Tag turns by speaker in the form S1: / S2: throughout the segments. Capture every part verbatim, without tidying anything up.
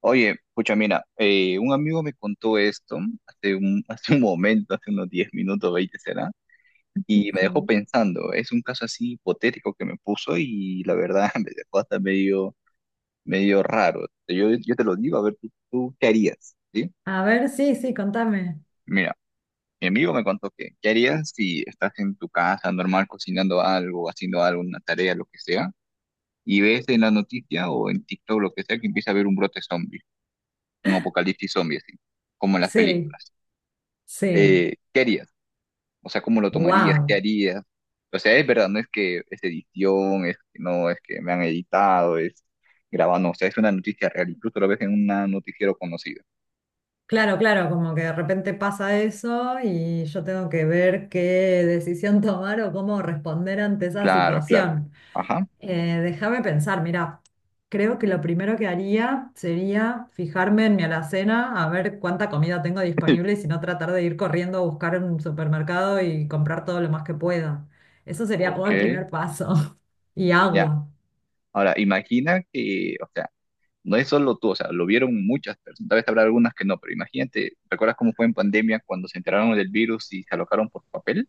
S1: Oye, pucha, mira, eh, un amigo me contó esto hace un, hace un momento, hace unos diez minutos, veinte será, y me dejó
S2: Sí.
S1: pensando. Es un caso así hipotético que me puso y la verdad me dejó hasta medio, medio raro. Yo, yo te lo digo, a ver, ¿tú, tú qué harías? ¿Sí?
S2: A ver, sí, sí, contame.
S1: Mira, mi amigo me contó que, ¿qué harías si estás en tu casa normal cocinando algo, haciendo algo, una tarea, lo que sea, y ves en la noticia o en TikTok, lo que sea, que empieza a haber un brote zombie, un apocalipsis zombie, así, como en las
S2: Sí,
S1: películas?
S2: sí.
S1: eh, ¿Qué harías? O sea, ¿cómo lo tomarías? ¿Qué
S2: Wow.
S1: harías? O sea, es verdad, no es que es edición, es que no, es que me han editado, es grabando, o sea, es una noticia real, incluso lo ves en un noticiero conocido.
S2: Claro, claro, como que de repente pasa eso y yo tengo que ver qué decisión tomar o cómo responder ante esa
S1: Claro, claro.
S2: situación.
S1: Ajá.
S2: Eh, déjame pensar, mira, creo que lo primero que haría sería fijarme en mi alacena, a ver cuánta comida tengo disponible y si no tratar de ir corriendo a buscar en un supermercado y comprar todo lo más que pueda. Eso sería como
S1: Ok,
S2: el primer paso. Y
S1: ya.
S2: agua.
S1: Ahora, imagina que, o sea, no es solo tú, o sea, lo vieron muchas personas, tal vez habrá algunas que no, pero imagínate, ¿recuerdas cómo fue en pandemia cuando se enteraron del virus y se alocaron por papel?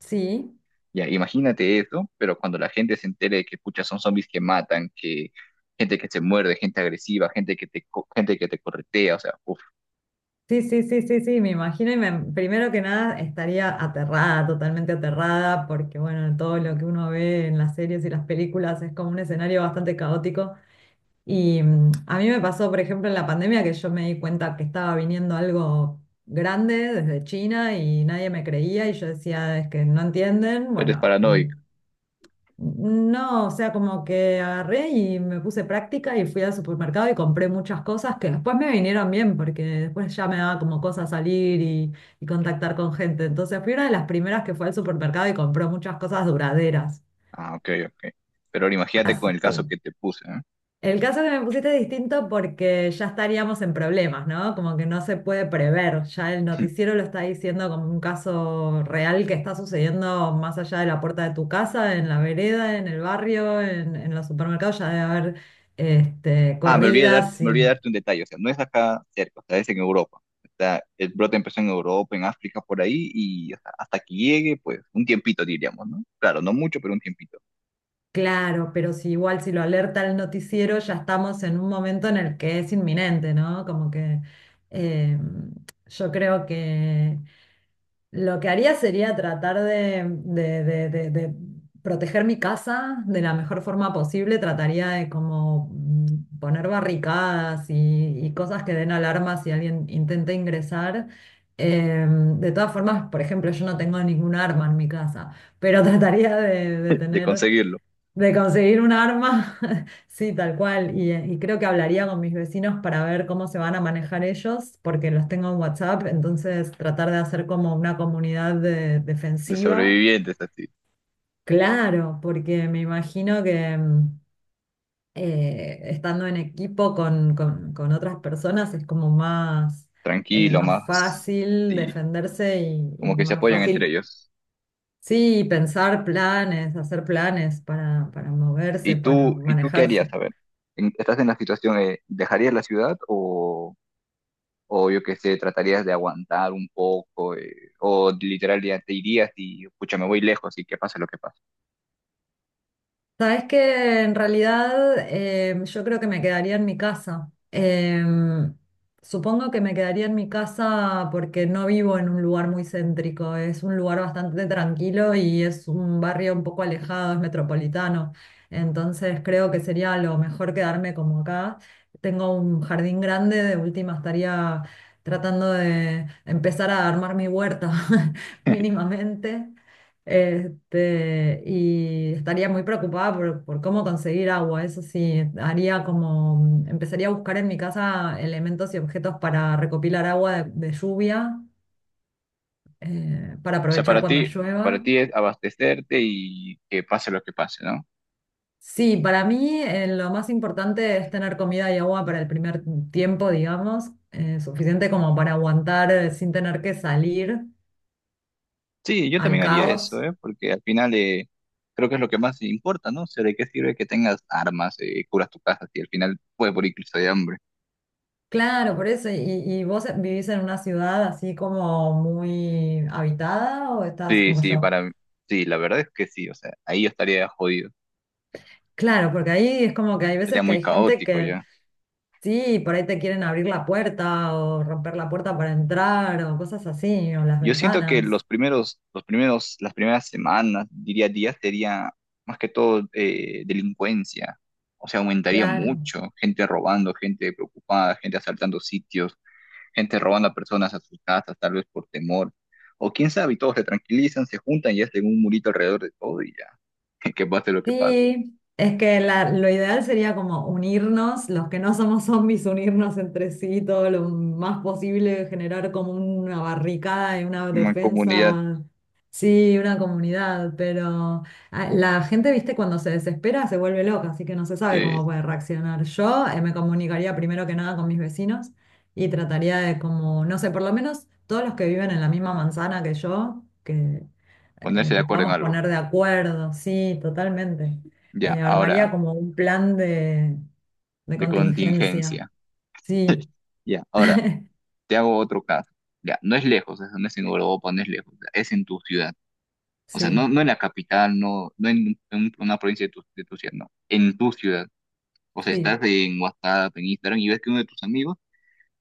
S2: Sí.
S1: Ya, imagínate eso, pero cuando la gente se entere de que, pucha, son zombies que matan, que gente que se muerde, gente agresiva, gente que te, co- gente que te corretea, o sea, uff,
S2: Sí, sí, sí, sí, sí, me imagino y me- primero que nada estaría aterrada, totalmente aterrada, porque bueno, todo lo que uno ve en las series y las películas es como un escenario bastante caótico. Y mm, a mí me pasó, por ejemplo, en la pandemia que yo me di cuenta que estaba viniendo algo grande desde China y nadie me creía y yo decía, es que no entienden,
S1: eres
S2: bueno,
S1: paranoico.
S2: no, o sea, como que agarré y me puse práctica y fui al supermercado y compré muchas cosas que después me vinieron bien porque después ya me daba como cosa salir y, y contactar con gente. Entonces fui una de las primeras que fue al supermercado y compró muchas cosas duraderas.
S1: Ah, ok, ok. Pero ahora imagínate con
S2: Así
S1: el
S2: que
S1: caso que te puse, ¿eh?
S2: el caso que me pusiste es distinto porque ya estaríamos en problemas, ¿no? Como que no se puede prever. Ya el noticiero lo está diciendo como un caso real que está sucediendo más allá de la puerta de tu casa, en la vereda, en el barrio, en, en los supermercados. Ya debe haber este,
S1: Ah, me olvidé de darte,
S2: corridas.
S1: me
S2: Y
S1: olvidé de darte un detalle, o sea, no es acá cerca, o sea, es en Europa. Está, el brote empezó en Europa, en África, por ahí, y o sea, hasta que llegue, pues, un tiempito diríamos, ¿no? Claro, no mucho, pero un tiempito
S2: claro, pero si igual si lo alerta el noticiero, ya estamos en un momento en el que es inminente, ¿no? Como que eh, yo creo que lo que haría sería tratar de, de- de- de- de proteger mi casa de la mejor forma posible. Trataría de como mm, poner barricadas y, y cosas que den alarma si alguien intenta ingresar. Eh, de todas formas, por ejemplo, yo no tengo ningún arma en mi casa, pero trataría de, de
S1: de
S2: tener
S1: conseguirlo,
S2: de conseguir un arma, sí, tal cual. Y, eh, y creo que hablaría con mis vecinos para ver cómo se van a manejar ellos, porque los tengo en WhatsApp, entonces tratar de hacer como una comunidad de-
S1: de
S2: defensiva.
S1: sobrevivientes, así,
S2: Claro, porque me imagino que mm, eh, estando en equipo con, con- con otras personas es como más, eh,
S1: tranquilo,
S2: más
S1: más.
S2: fácil
S1: Sí,
S2: defenderse y, y
S1: como que se
S2: más
S1: apoyan entre
S2: fácil,
S1: ellos.
S2: sí, pensar planes, hacer planes para, para moverse,
S1: ¿Y
S2: para
S1: tú, y tú qué harías?
S2: manejarse.
S1: A ver, en- estás en la situación, eh, ¿dejarías la ciudad o, o yo qué sé, tratarías de aguantar un poco? eh, ¿O literal ya te irías y, pucha, me voy lejos y que pase lo que pase?
S2: Sabes que en realidad em, yo creo que me quedaría en mi casa. Em, supongo que me quedaría en mi casa porque no vivo en un lugar muy céntrico. Es un lugar bastante tranquilo y es un barrio un poco alejado, es metropolitano. Entonces creo que sería lo mejor quedarme como acá. Tengo un jardín grande, de última estaría tratando de empezar a armar mi huerta mínimamente. Este, y estaría muy preocupada por, por cómo conseguir agua. Eso sí, haría como, empezaría a buscar en mi casa elementos y objetos para recopilar agua de, de lluvia, eh, para
S1: O sea,
S2: aprovechar
S1: para
S2: cuando
S1: ti, para
S2: llueva.
S1: ti es abastecerte y que pase lo que pase, ¿no?
S2: Sí, para mí eh, lo más importante es tener comida y agua para el primer tiempo, digamos, eh, suficiente como para aguantar eh, sin tener que salir
S1: Sí, yo
S2: al
S1: también haría eso,
S2: caos.
S1: ¿eh? Porque al final eh, creo que es lo que más importa, ¿no? O sea, ¿de qué sirve que tengas armas, eh, curas tu casa si al final puedes morir incluso de hambre?
S2: Claro, por eso. ¿Y, y vos vivís en una ciudad así como muy habitada o estás
S1: Sí,
S2: como
S1: sí,
S2: yo?
S1: para mí- sí, la verdad es que sí, o sea, ahí yo estaría jodido,
S2: Claro, porque ahí es como que hay
S1: sería
S2: veces que
S1: muy
S2: hay gente
S1: caótico
S2: que
S1: ya.
S2: sí, por ahí te quieren abrir la puerta o romper la puerta para entrar o cosas así, o las
S1: Yo siento que
S2: ventanas.
S1: los primeros, los primeros, las primeras semanas, diría días, sería más que todo eh, delincuencia, o sea, aumentaría
S2: Claro.
S1: mucho, gente robando, gente preocupada, gente asaltando sitios, gente robando a personas a sus casas, tal vez por temor, o quién sabe, y todos se tranquilizan, se juntan y hacen un murito alrededor de todo y ya, que pase lo que pase.
S2: Sí, es que la- lo ideal sería como unirnos, los que no somos zombies, unirnos entre sí todo lo más posible, generar como una barricada y una
S1: Una comunidad
S2: defensa, sí, una comunidad, pero ah, la gente, viste, cuando se desespera se vuelve loca, así que no se sabe
S1: de
S2: cómo puede reaccionar. Yo eh, me comunicaría primero que nada con mis vecinos y trataría de como, no sé, por lo menos todos los que viven en la misma manzana que yo, que eh,
S1: ponerse de
S2: nos
S1: acuerdo en
S2: podamos
S1: algo.
S2: poner de acuerdo, sí, totalmente.
S1: Ya,
S2: Eh, armaría
S1: ahora.
S2: como un plan de, de
S1: De
S2: contingencia.
S1: contingencia.
S2: Sí,
S1: Ya, ahora, te hago otro caso. Ya, no es lejos, eso no es en Europa, no es lejos, es en tu ciudad. O sea,
S2: sí,
S1: no, no en la capital, no, no en, un- una provincia de tu, de tu ciudad, no, en tu ciudad. O sea, estás
S2: sí,
S1: en WhatsApp, en Instagram y ves que uno de tus amigos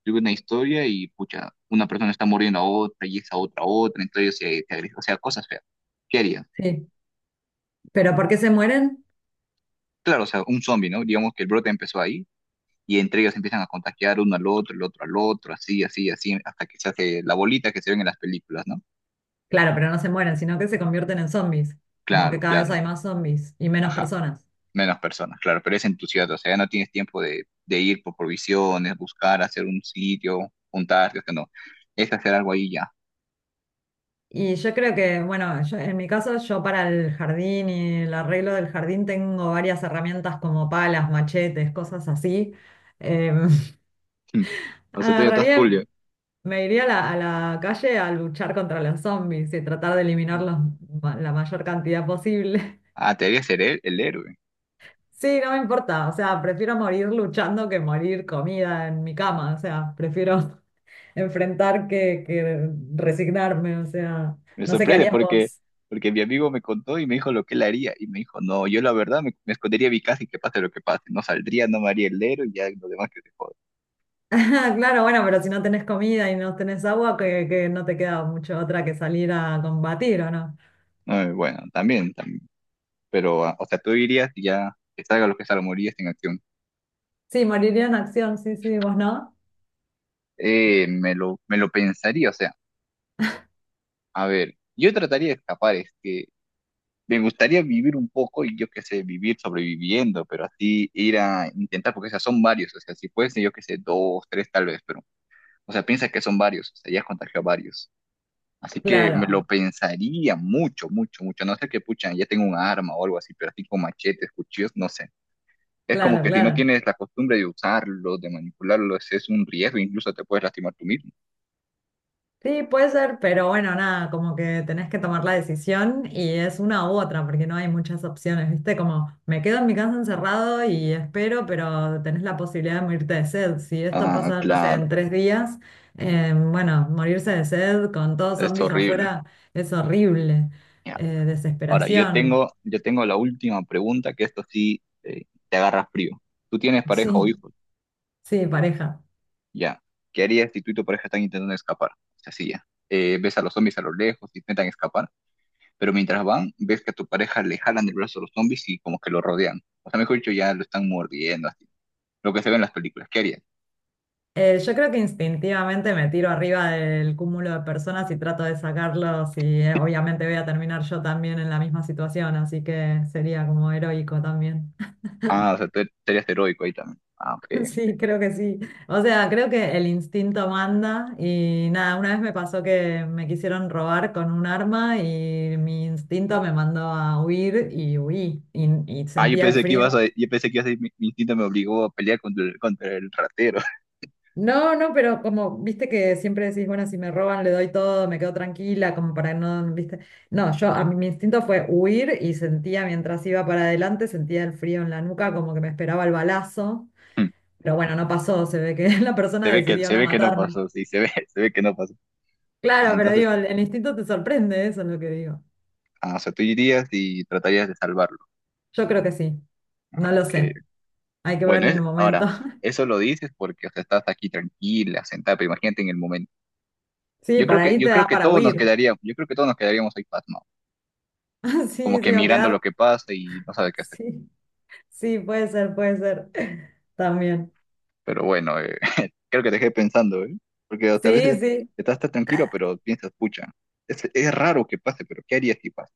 S1: sube una historia y, pucha, una persona está muriendo a otra y esa otra a otra, entonces se, se agrede. O sea, cosas feas. ¿Qué harías?
S2: sí. ¿Pero por qué se mueren?
S1: Claro, o sea, un zombie, ¿no? Digamos que el brote empezó ahí y entre ellos empiezan a contagiar uno al otro, el otro al otro, así, así, así, hasta que se hace la bolita que se ven en las películas, ¿no?
S2: Claro, pero no se mueren, sino que se convierten en zombies. Como que
S1: Claro,
S2: cada vez
S1: claro,
S2: hay más zombies y menos
S1: ajá,
S2: personas.
S1: menos personas, claro, pero es en tu ciudad, o sea, ya no tienes tiempo de, de ir por provisiones, buscar, hacer un sitio, juntarte, o sea, no, es hacer algo ahí ya.
S2: Y yo creo que, bueno, yo- en mi caso, yo para el jardín y el arreglo del jardín tengo varias herramientas como palas, machetes, cosas así. Em,
S1: Mm. O sea, tú ya estás
S2: agarraría.
S1: full. Ya.
S2: Me iría a la, a la calle a luchar contra los zombies y tratar de eliminarlos ma- la mayor cantidad posible.
S1: Ah, te debería ser el, el héroe.
S2: Sí, no me importa, o sea, prefiero morir luchando que morir comida en mi cama, o sea, prefiero enfrentar que, que resignarme, o sea,
S1: Me
S2: no sé qué
S1: sorprende
S2: harías
S1: porque,
S2: vos.
S1: porque mi amigo me contó y me dijo lo que él haría. Y me dijo, no, yo la verdad me, me escondería a mi casa y que pase lo que pase. No saldría, no me haría el héroe y ya lo demás que se joda.
S2: Claro, bueno, pero si no tenés comida y no tenés agua, que, que no te queda mucho otra que salir a combatir, ¿o no?
S1: Eh, bueno, también, también. Pero, ah, o sea, tú dirías que ya que salga lo que salga, morirías en acción.
S2: Sí, moriría en acción, sí, sí, vos no.
S1: Eh, me lo, me lo pensaría, o sea, a ver, yo trataría de escapar, es que me gustaría vivir un poco y yo qué sé, vivir sobreviviendo, pero así ir a intentar, porque o sea, son varios, o sea, si fuese yo qué sé, dos, tres tal vez, pero, o sea, piensa que son varios, o sea, ya has contagiado a varios. Así que me lo
S2: Claro,
S1: pensaría mucho, mucho, mucho. No sé qué pucha, ya tengo un arma o algo así, pero así con machetes, cuchillos, no sé. Es como
S2: claro,
S1: que si no
S2: claro.
S1: tienes la costumbre de usarlo, de manipularlo, ese es un riesgo, incluso te puedes lastimar tú mismo.
S2: Sí, puede ser, pero bueno, nada, como que tenés que tomar la decisión y es una u otra, porque no hay muchas opciones, ¿viste? Como me quedo en mi casa encerrado y espero, pero tenés la posibilidad de morirte de sed. Si esto
S1: Ah,
S2: pasa, no sé,
S1: claro,
S2: en tres días, eh, bueno, morirse de sed con todos
S1: es
S2: zombies
S1: horrible.
S2: afuera es horrible.
S1: Ya.
S2: Eh,
S1: Ahora, yo
S2: desesperación,
S1: tengo, yo tengo la última pregunta, que esto sí eh, te agarra frío. Tú tienes pareja o
S2: sí,
S1: hijos,
S2: sí, pareja.
S1: ya. ¿Qué harías si tú y tu pareja están intentando escapar? O sea, sí, ya. Eh, ves a los zombies a lo lejos, intentan escapar, pero mientras van, ves que a tu pareja le jalan el brazo a los zombies y como que lo rodean. O sea, mejor dicho, ya lo están mordiendo, así. Lo que se ve en las películas. ¿Qué harías?
S2: Eh, yo creo que instintivamente me tiro arriba del cúmulo de personas y trato de sacarlos y eh, obviamente voy a terminar yo también en la misma situación, así que sería como heroico también.
S1: Ah, o sea, tú tú eres heroico ahí también. Ah, ok, ok.
S2: Sí, creo que sí. O sea, creo que el instinto manda y nada, una vez me pasó que me quisieron robar con un arma y mi instinto me mandó a huir y huí y, y
S1: Ah, yo
S2: sentía el
S1: pensé que
S2: frío.
S1: ibas a, yo pensé que ibas a decir, mi, mi instinto me obligó a pelear contra el, contra el ratero.
S2: No, no, pero como, viste que siempre decís, bueno, si me roban le doy todo, me quedo tranquila, como para no, viste. No, yo, a mí mi instinto fue huir y sentía mientras iba para adelante, sentía el frío en la nuca, como que me esperaba el balazo, pero bueno, no pasó, se ve que la
S1: Se
S2: persona
S1: ve que,
S2: decidió
S1: se
S2: no
S1: ve que no
S2: matarme.
S1: pasó, sí, se ve, se ve que no pasó. Ah,
S2: Claro, pero
S1: entonces,
S2: digo, el, el instinto te sorprende, eso es lo que digo.
S1: ah, o sea, tú irías y tratarías de salvarlo.
S2: Yo creo que sí, no
S1: Ah,
S2: lo
S1: ok.
S2: sé, hay que ver
S1: Bueno,
S2: en el
S1: es,
S2: momento.
S1: ahora, eso lo dices porque, o sea, estás aquí tranquila, sentada, pero imagínate en el momento.
S2: Sí,
S1: Yo
S2: por
S1: creo que,
S2: ahí
S1: yo
S2: te
S1: creo
S2: da
S1: que
S2: para
S1: todos nos
S2: huir.
S1: quedaríamos, yo creo que todos nos quedaríamos ahí pasmados, como
S2: Sí,
S1: que
S2: sí, o
S1: mirando
S2: quedar.
S1: lo que pasa y no sabe qué hacer.
S2: Sí, sí, puede ser, puede ser. También.
S1: Pero bueno, eh, creo que te dejé pensando, ¿eh? Porque o sea, a
S2: Sí,
S1: veces
S2: sí.
S1: estás tan tranquilo, pero piensas, pucha, es, es raro que pase, pero ¿qué harías si pasa?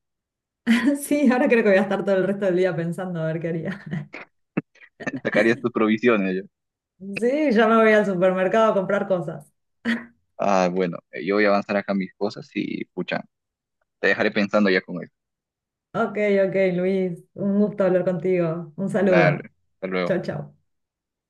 S2: Sí, ahora creo que voy a estar todo el resto del día pensando a ver qué haría.
S1: Sacarías tus provisiones. Yo.
S2: Sí, ya me voy al supermercado a comprar cosas.
S1: Ah, bueno, eh, yo voy a avanzar acá mis cosas y, pucha, te dejaré pensando ya con eso.
S2: Ok, ok, Luis, un gusto hablar contigo. Un saludo.
S1: Dale, hasta luego.
S2: Chau, chau.